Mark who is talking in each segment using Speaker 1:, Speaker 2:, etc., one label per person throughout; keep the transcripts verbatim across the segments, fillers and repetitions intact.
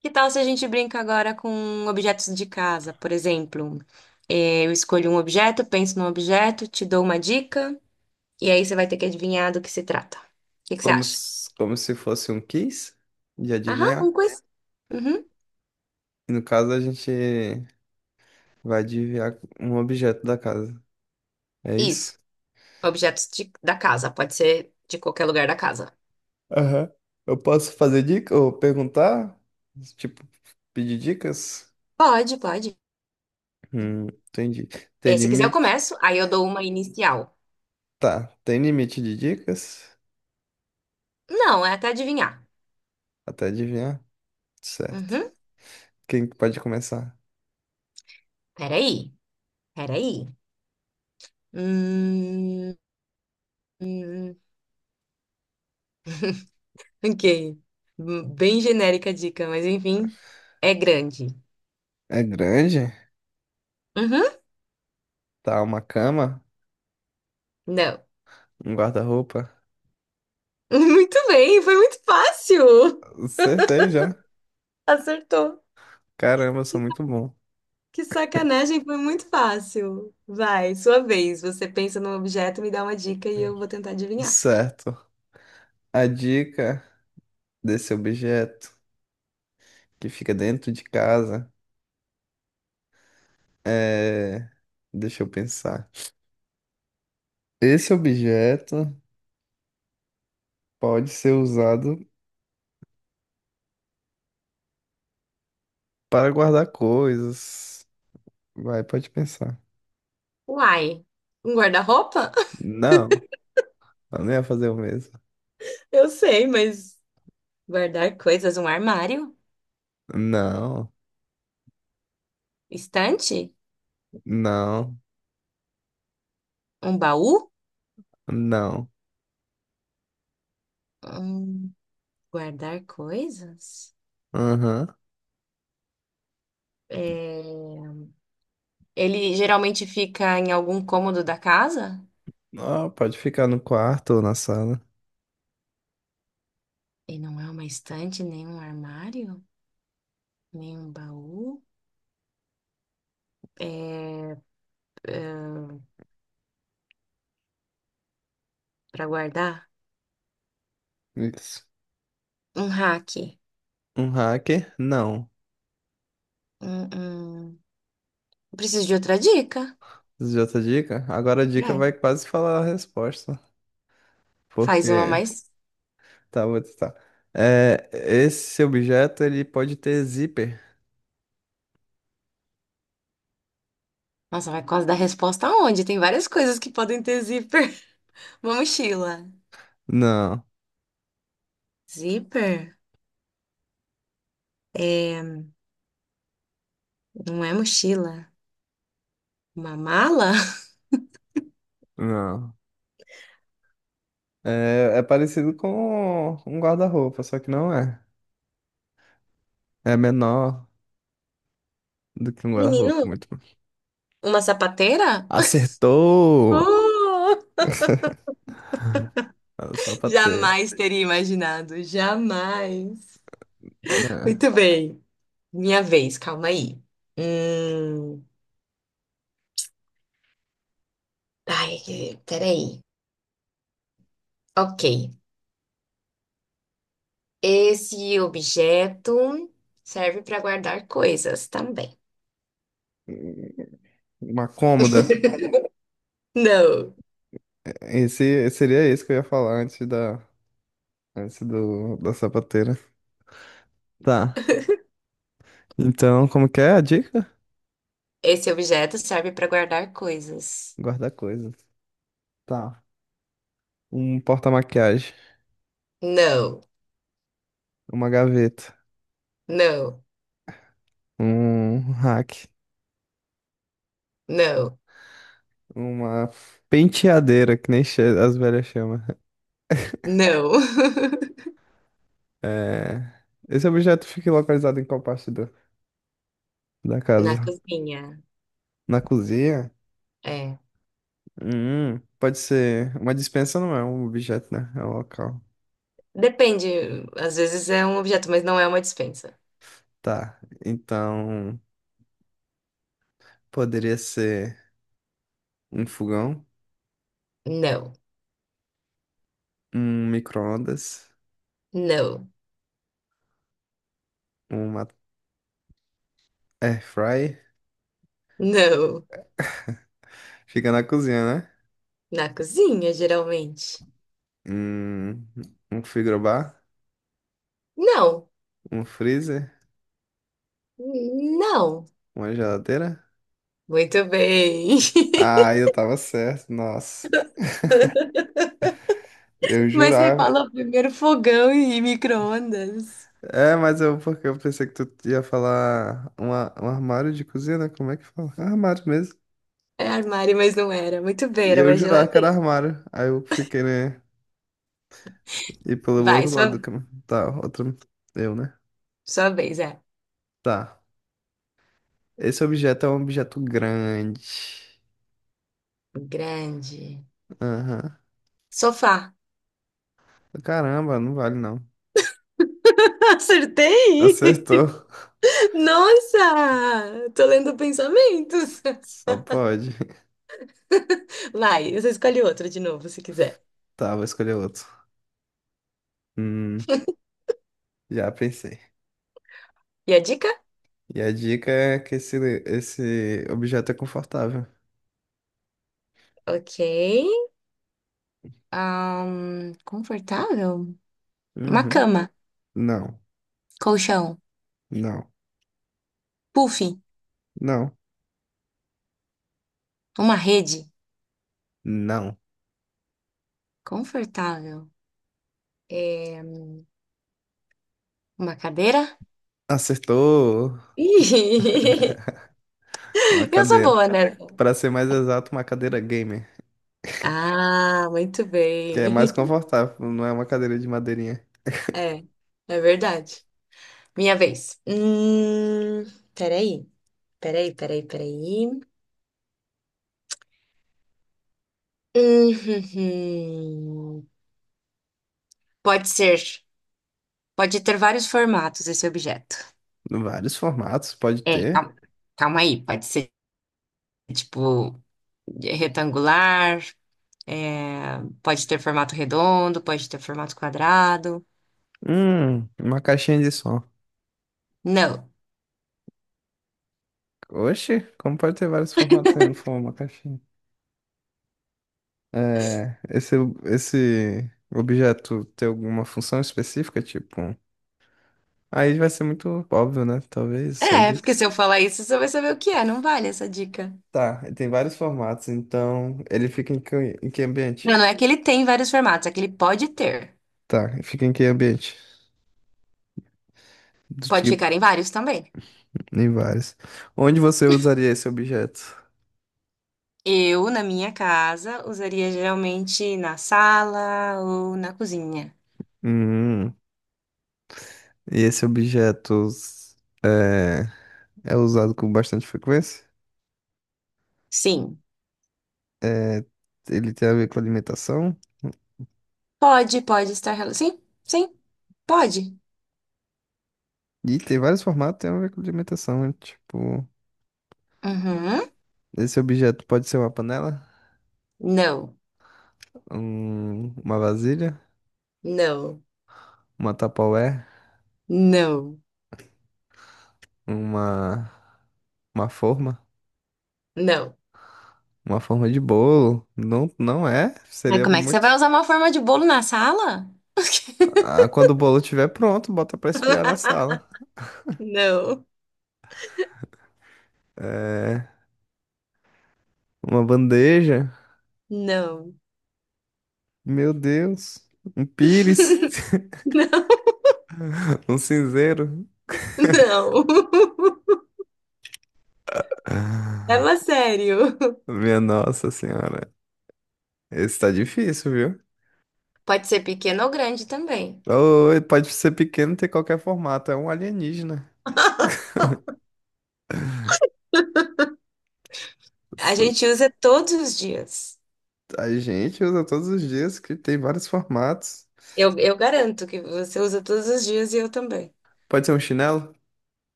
Speaker 1: Que tal se a gente brinca agora com objetos de casa, por exemplo? Eh, Eu escolho um objeto, penso num objeto, te dou uma dica, e aí você vai ter que adivinhar do que se trata. O que que você
Speaker 2: Como
Speaker 1: acha?
Speaker 2: se, como se fosse um quiz de
Speaker 1: Aham, um
Speaker 2: adivinhar.
Speaker 1: quiz. Uhum.
Speaker 2: E no caso, a gente vai adivinhar um objeto da casa. É
Speaker 1: Isso.
Speaker 2: isso?
Speaker 1: Objetos de- da casa, pode ser de qualquer lugar da casa.
Speaker 2: Aham. Eu posso fazer dica ou perguntar? Tipo, pedir dicas?
Speaker 1: Pode, pode.
Speaker 2: Hum, entendi. Tem
Speaker 1: Eh, se quiser, eu
Speaker 2: limite?
Speaker 1: começo, aí eu dou uma inicial.
Speaker 2: Tá, tem limite de dicas?
Speaker 1: Não, é até adivinhar.
Speaker 2: Até adivinhar? Certo.
Speaker 1: Uhum.
Speaker 2: Quem que pode começar?
Speaker 1: Peraí, peraí. Hum, hum. hum. Ok. Hum, Bem genérica a dica, mas enfim, é grande.
Speaker 2: É grande?
Speaker 1: Uhum.
Speaker 2: Tá, uma cama?
Speaker 1: Não.
Speaker 2: Um guarda-roupa?
Speaker 1: Muito bem, foi muito fácil.
Speaker 2: Acertei já.
Speaker 1: Acertou.
Speaker 2: Caramba, eu sou
Speaker 1: Que,
Speaker 2: muito bom.
Speaker 1: que sacanagem, foi muito fácil. Vai, sua vez. Você pensa num objeto, me dá uma dica e eu vou tentar adivinhar.
Speaker 2: Certo. A dica desse objeto que fica dentro de casa é. Deixa eu pensar. Esse objeto pode ser usado para guardar coisas. Vai, pode pensar.
Speaker 1: Uai, um guarda-roupa?
Speaker 2: Não, eu não ia fazer o mesmo.
Speaker 1: Eu sei, mas guardar coisas, um armário?
Speaker 2: Não,
Speaker 1: Estante?
Speaker 2: não,
Speaker 1: Um baú?
Speaker 2: não.
Speaker 1: Hum, Guardar coisas?
Speaker 2: Aham.
Speaker 1: É... Ele geralmente fica em algum cômodo da casa?
Speaker 2: Ó, pode ficar no quarto ou na sala.
Speaker 1: E não é uma estante, nem um armário, nem um baú. É, para guardar?
Speaker 2: Isso.
Speaker 1: Um rack.
Speaker 2: Um hacker? Não.
Speaker 1: Hum, hum. Preciso de outra dica.
Speaker 2: Isso. Já outra dica? Agora a dica vai
Speaker 1: É,
Speaker 2: quase falar a resposta.
Speaker 1: faz uma
Speaker 2: Porque
Speaker 1: mais.
Speaker 2: Tá, vou testar. É, esse objeto, ele pode ter zíper?
Speaker 1: Nossa, vai quase dar resposta aonde? Tem várias coisas que podem ter zíper. Uma mochila.
Speaker 2: Não,
Speaker 1: Zíper? É, não é mochila. Uma mala?
Speaker 2: não. É, é parecido com um guarda-roupa, só que não é. É menor do que um guarda-roupa,
Speaker 1: Menino,
Speaker 2: muito.
Speaker 1: uma sapateira?
Speaker 2: Acertou!
Speaker 1: Oh!
Speaker 2: Só pra ter,
Speaker 1: Jamais teria imaginado, jamais.
Speaker 2: né?
Speaker 1: Muito bem, minha vez, calma aí. Hum... Ai, que- peraí. Ok, esse objeto serve para guardar coisas também.
Speaker 2: Uma cômoda.
Speaker 1: Não,
Speaker 2: Esse seria isso que eu ia falar antes da, antes do, da sapateira. Tá. Então, como que é a dica?
Speaker 1: esse objeto serve para guardar coisas.
Speaker 2: Guardar coisas. Tá. Um porta-maquiagem.
Speaker 1: Não,
Speaker 2: Uma gaveta.
Speaker 1: não,
Speaker 2: Um hack,
Speaker 1: não,
Speaker 2: uma penteadeira, que nem che- as velhas chamam.
Speaker 1: não.
Speaker 2: É, esse objeto fica localizado em qual parte da, da
Speaker 1: Na
Speaker 2: casa?
Speaker 1: cozinha,
Speaker 2: Na cozinha?
Speaker 1: é.
Speaker 2: Hum, pode ser. Uma dispensa não é um objeto, né? É um local.
Speaker 1: Depende, às vezes é um objeto, mas não é uma dispensa.
Speaker 2: Tá. Então, poderia ser um fogão,
Speaker 1: Não,
Speaker 2: um micro-ondas,
Speaker 1: não,
Speaker 2: uma air fry.
Speaker 1: não.
Speaker 2: Fica na cozinha, né?
Speaker 1: Na cozinha, geralmente.
Speaker 2: Hum, um frigobar,
Speaker 1: Não,
Speaker 2: um freezer,
Speaker 1: não.
Speaker 2: uma geladeira.
Speaker 1: Muito bem.
Speaker 2: Ah, eu tava certo, nossa. Eu
Speaker 1: Mas você
Speaker 2: jurava.
Speaker 1: falou primeiro fogão e micro-ondas.
Speaker 2: É, mas eu porque eu pensei que tu ia falar uma, um armário de cozinha, né? Como é que fala? É armário mesmo.
Speaker 1: É armário, mas não era. Muito bem,
Speaker 2: E
Speaker 1: era
Speaker 2: eu
Speaker 1: uma
Speaker 2: jurava que era
Speaker 1: geladeira.
Speaker 2: armário. Aí eu fiquei, né? E pelo
Speaker 1: Vai,
Speaker 2: outro lado
Speaker 1: sua,
Speaker 2: do caminho. Tá, outro. Eu, né?
Speaker 1: sua vez, é.
Speaker 2: Tá. Esse objeto é um objeto grande.
Speaker 1: Grande.
Speaker 2: Aham.
Speaker 1: Sofá.
Speaker 2: Caramba, não vale não.
Speaker 1: Acertei!
Speaker 2: Acertou.
Speaker 1: Nossa! Tô lendo pensamentos.
Speaker 2: Só pode.
Speaker 1: Vai, você escolhe outro de novo, se quiser.
Speaker 2: Tá, vou escolher outro. Hum, já pensei.
Speaker 1: E a dica?
Speaker 2: E a dica é que esse, esse objeto é confortável.
Speaker 1: Ok. Ahn, confortável? Uma
Speaker 2: Uhum.
Speaker 1: cama.
Speaker 2: Não,
Speaker 1: Colchão.
Speaker 2: não,
Speaker 1: Puff,
Speaker 2: não,
Speaker 1: uma rede
Speaker 2: não.
Speaker 1: confortável. É, uma cadeira?
Speaker 2: Acertou,
Speaker 1: Ih,
Speaker 2: uma
Speaker 1: eu sou
Speaker 2: cadeira.
Speaker 1: boa, né?
Speaker 2: Para ser mais exato, uma cadeira gamer,
Speaker 1: Ah, muito
Speaker 2: que é mais
Speaker 1: bem.
Speaker 2: confortável, não é uma cadeira de madeirinha.
Speaker 1: É, é verdade. Minha vez. Hum, peraí, peraí, peraí, peraí. Hum, Pode ser, pode ter vários formatos esse objeto.
Speaker 2: Vários formatos pode
Speaker 1: É,
Speaker 2: ter.
Speaker 1: calma, calma aí, pode ser tipo retangular. É, pode ter formato redondo, pode ter formato quadrado.
Speaker 2: Hum, uma caixinha de som.
Speaker 1: Não.
Speaker 2: Oxe, como pode ter vários formatos se não for uma caixinha? É, esse, esse objeto tem alguma função específica, tipo, um. Aí vai ser muito óbvio, né? Talvez, só
Speaker 1: É,
Speaker 2: dica.
Speaker 1: porque se eu falar isso, você vai saber o que é. Não vale essa dica.
Speaker 2: Tá, ele tem vários formatos, então ele fica em que, em que ambiente?
Speaker 1: Não, não é que ele tem vários formatos, é que ele pode ter.
Speaker 2: Tá, ele fica em que ambiente? Do
Speaker 1: Pode
Speaker 2: tipo,
Speaker 1: ficar em vários também.
Speaker 2: em vários. Onde você usaria esse objeto?
Speaker 1: Eu, na minha casa, usaria geralmente na sala ou na cozinha.
Speaker 2: Hum, e esse objeto é, é usado com bastante frequência?
Speaker 1: Sim.
Speaker 2: É, ele tem a ver com alimentação?
Speaker 1: Pode, pode estar. rela- Sim, sim, pode.
Speaker 2: E tem vários formatos que tem a ver com alimentação, né? Tipo,
Speaker 1: Uhum.
Speaker 2: esse objeto pode ser uma panela,
Speaker 1: Não,
Speaker 2: um- uma vasilha,
Speaker 1: não,
Speaker 2: uma Tupperware,
Speaker 1: não,
Speaker 2: uma. Uma forma?
Speaker 1: não.
Speaker 2: Uma forma de bolo? Não, não é?
Speaker 1: Mas
Speaker 2: Seria
Speaker 1: como é que você
Speaker 2: muito.
Speaker 1: vai usar uma forma de bolo na sala?
Speaker 2: Ah, quando o bolo estiver pronto, bota pra esfriar na sala.
Speaker 1: Não.
Speaker 2: É. Uma bandeja?
Speaker 1: Não,
Speaker 2: Meu Deus. Um pires? Um cinzeiro?
Speaker 1: não.
Speaker 2: Ah,
Speaker 1: Leva a sério.
Speaker 2: minha nossa senhora. Esse tá difícil, viu?
Speaker 1: Pode ser pequeno ou grande também.
Speaker 2: Ou ele pode ser pequeno, ter qualquer formato. É um alienígena.
Speaker 1: A
Speaker 2: Isso.
Speaker 1: gente usa todos os dias.
Speaker 2: A gente usa todos os dias que tem vários formatos.
Speaker 1: Eu, eu garanto que você usa todos os dias e eu também.
Speaker 2: Pode ser um chinelo?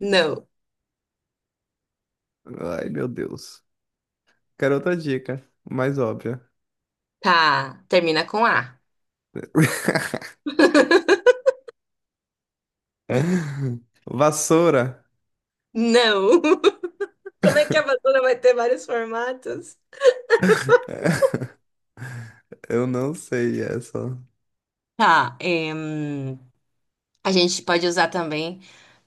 Speaker 1: Não.
Speaker 2: Ai, meu Deus. Quero outra dica, mais óbvia.
Speaker 1: Tá. Termina com A.
Speaker 2: Vassoura.
Speaker 1: Não. Como é que a vassoura vai ter vários formatos?
Speaker 2: É, eu não sei essa.
Speaker 1: Tá. Em, a gente pode usar também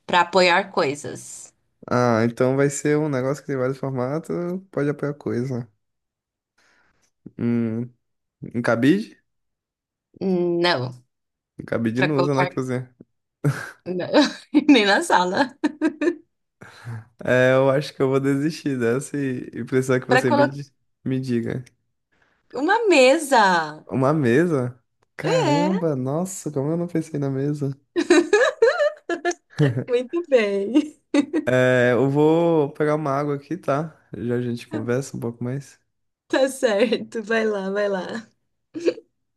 Speaker 1: para apoiar coisas.
Speaker 2: Ah, então vai ser um negócio que tem vários formatos, pode apoiar coisa. Hum, um cabide?
Speaker 1: Não.
Speaker 2: Um cabide
Speaker 1: Para
Speaker 2: não usa na
Speaker 1: colocar.
Speaker 2: cozinha.
Speaker 1: Não. Nem na sala.
Speaker 2: É, eu acho que eu vou desistir dessa e, e precisar que
Speaker 1: Para
Speaker 2: você me,
Speaker 1: colocar
Speaker 2: di- me diga.
Speaker 1: uma mesa.
Speaker 2: Uma mesa?
Speaker 1: É.
Speaker 2: Caramba, nossa, como eu não pensei na mesa?
Speaker 1: Muito bem.
Speaker 2: É, eu vou pegar uma água aqui, tá? Já a gente conversa um pouco mais.
Speaker 1: Tá certo. Vai lá, vai lá.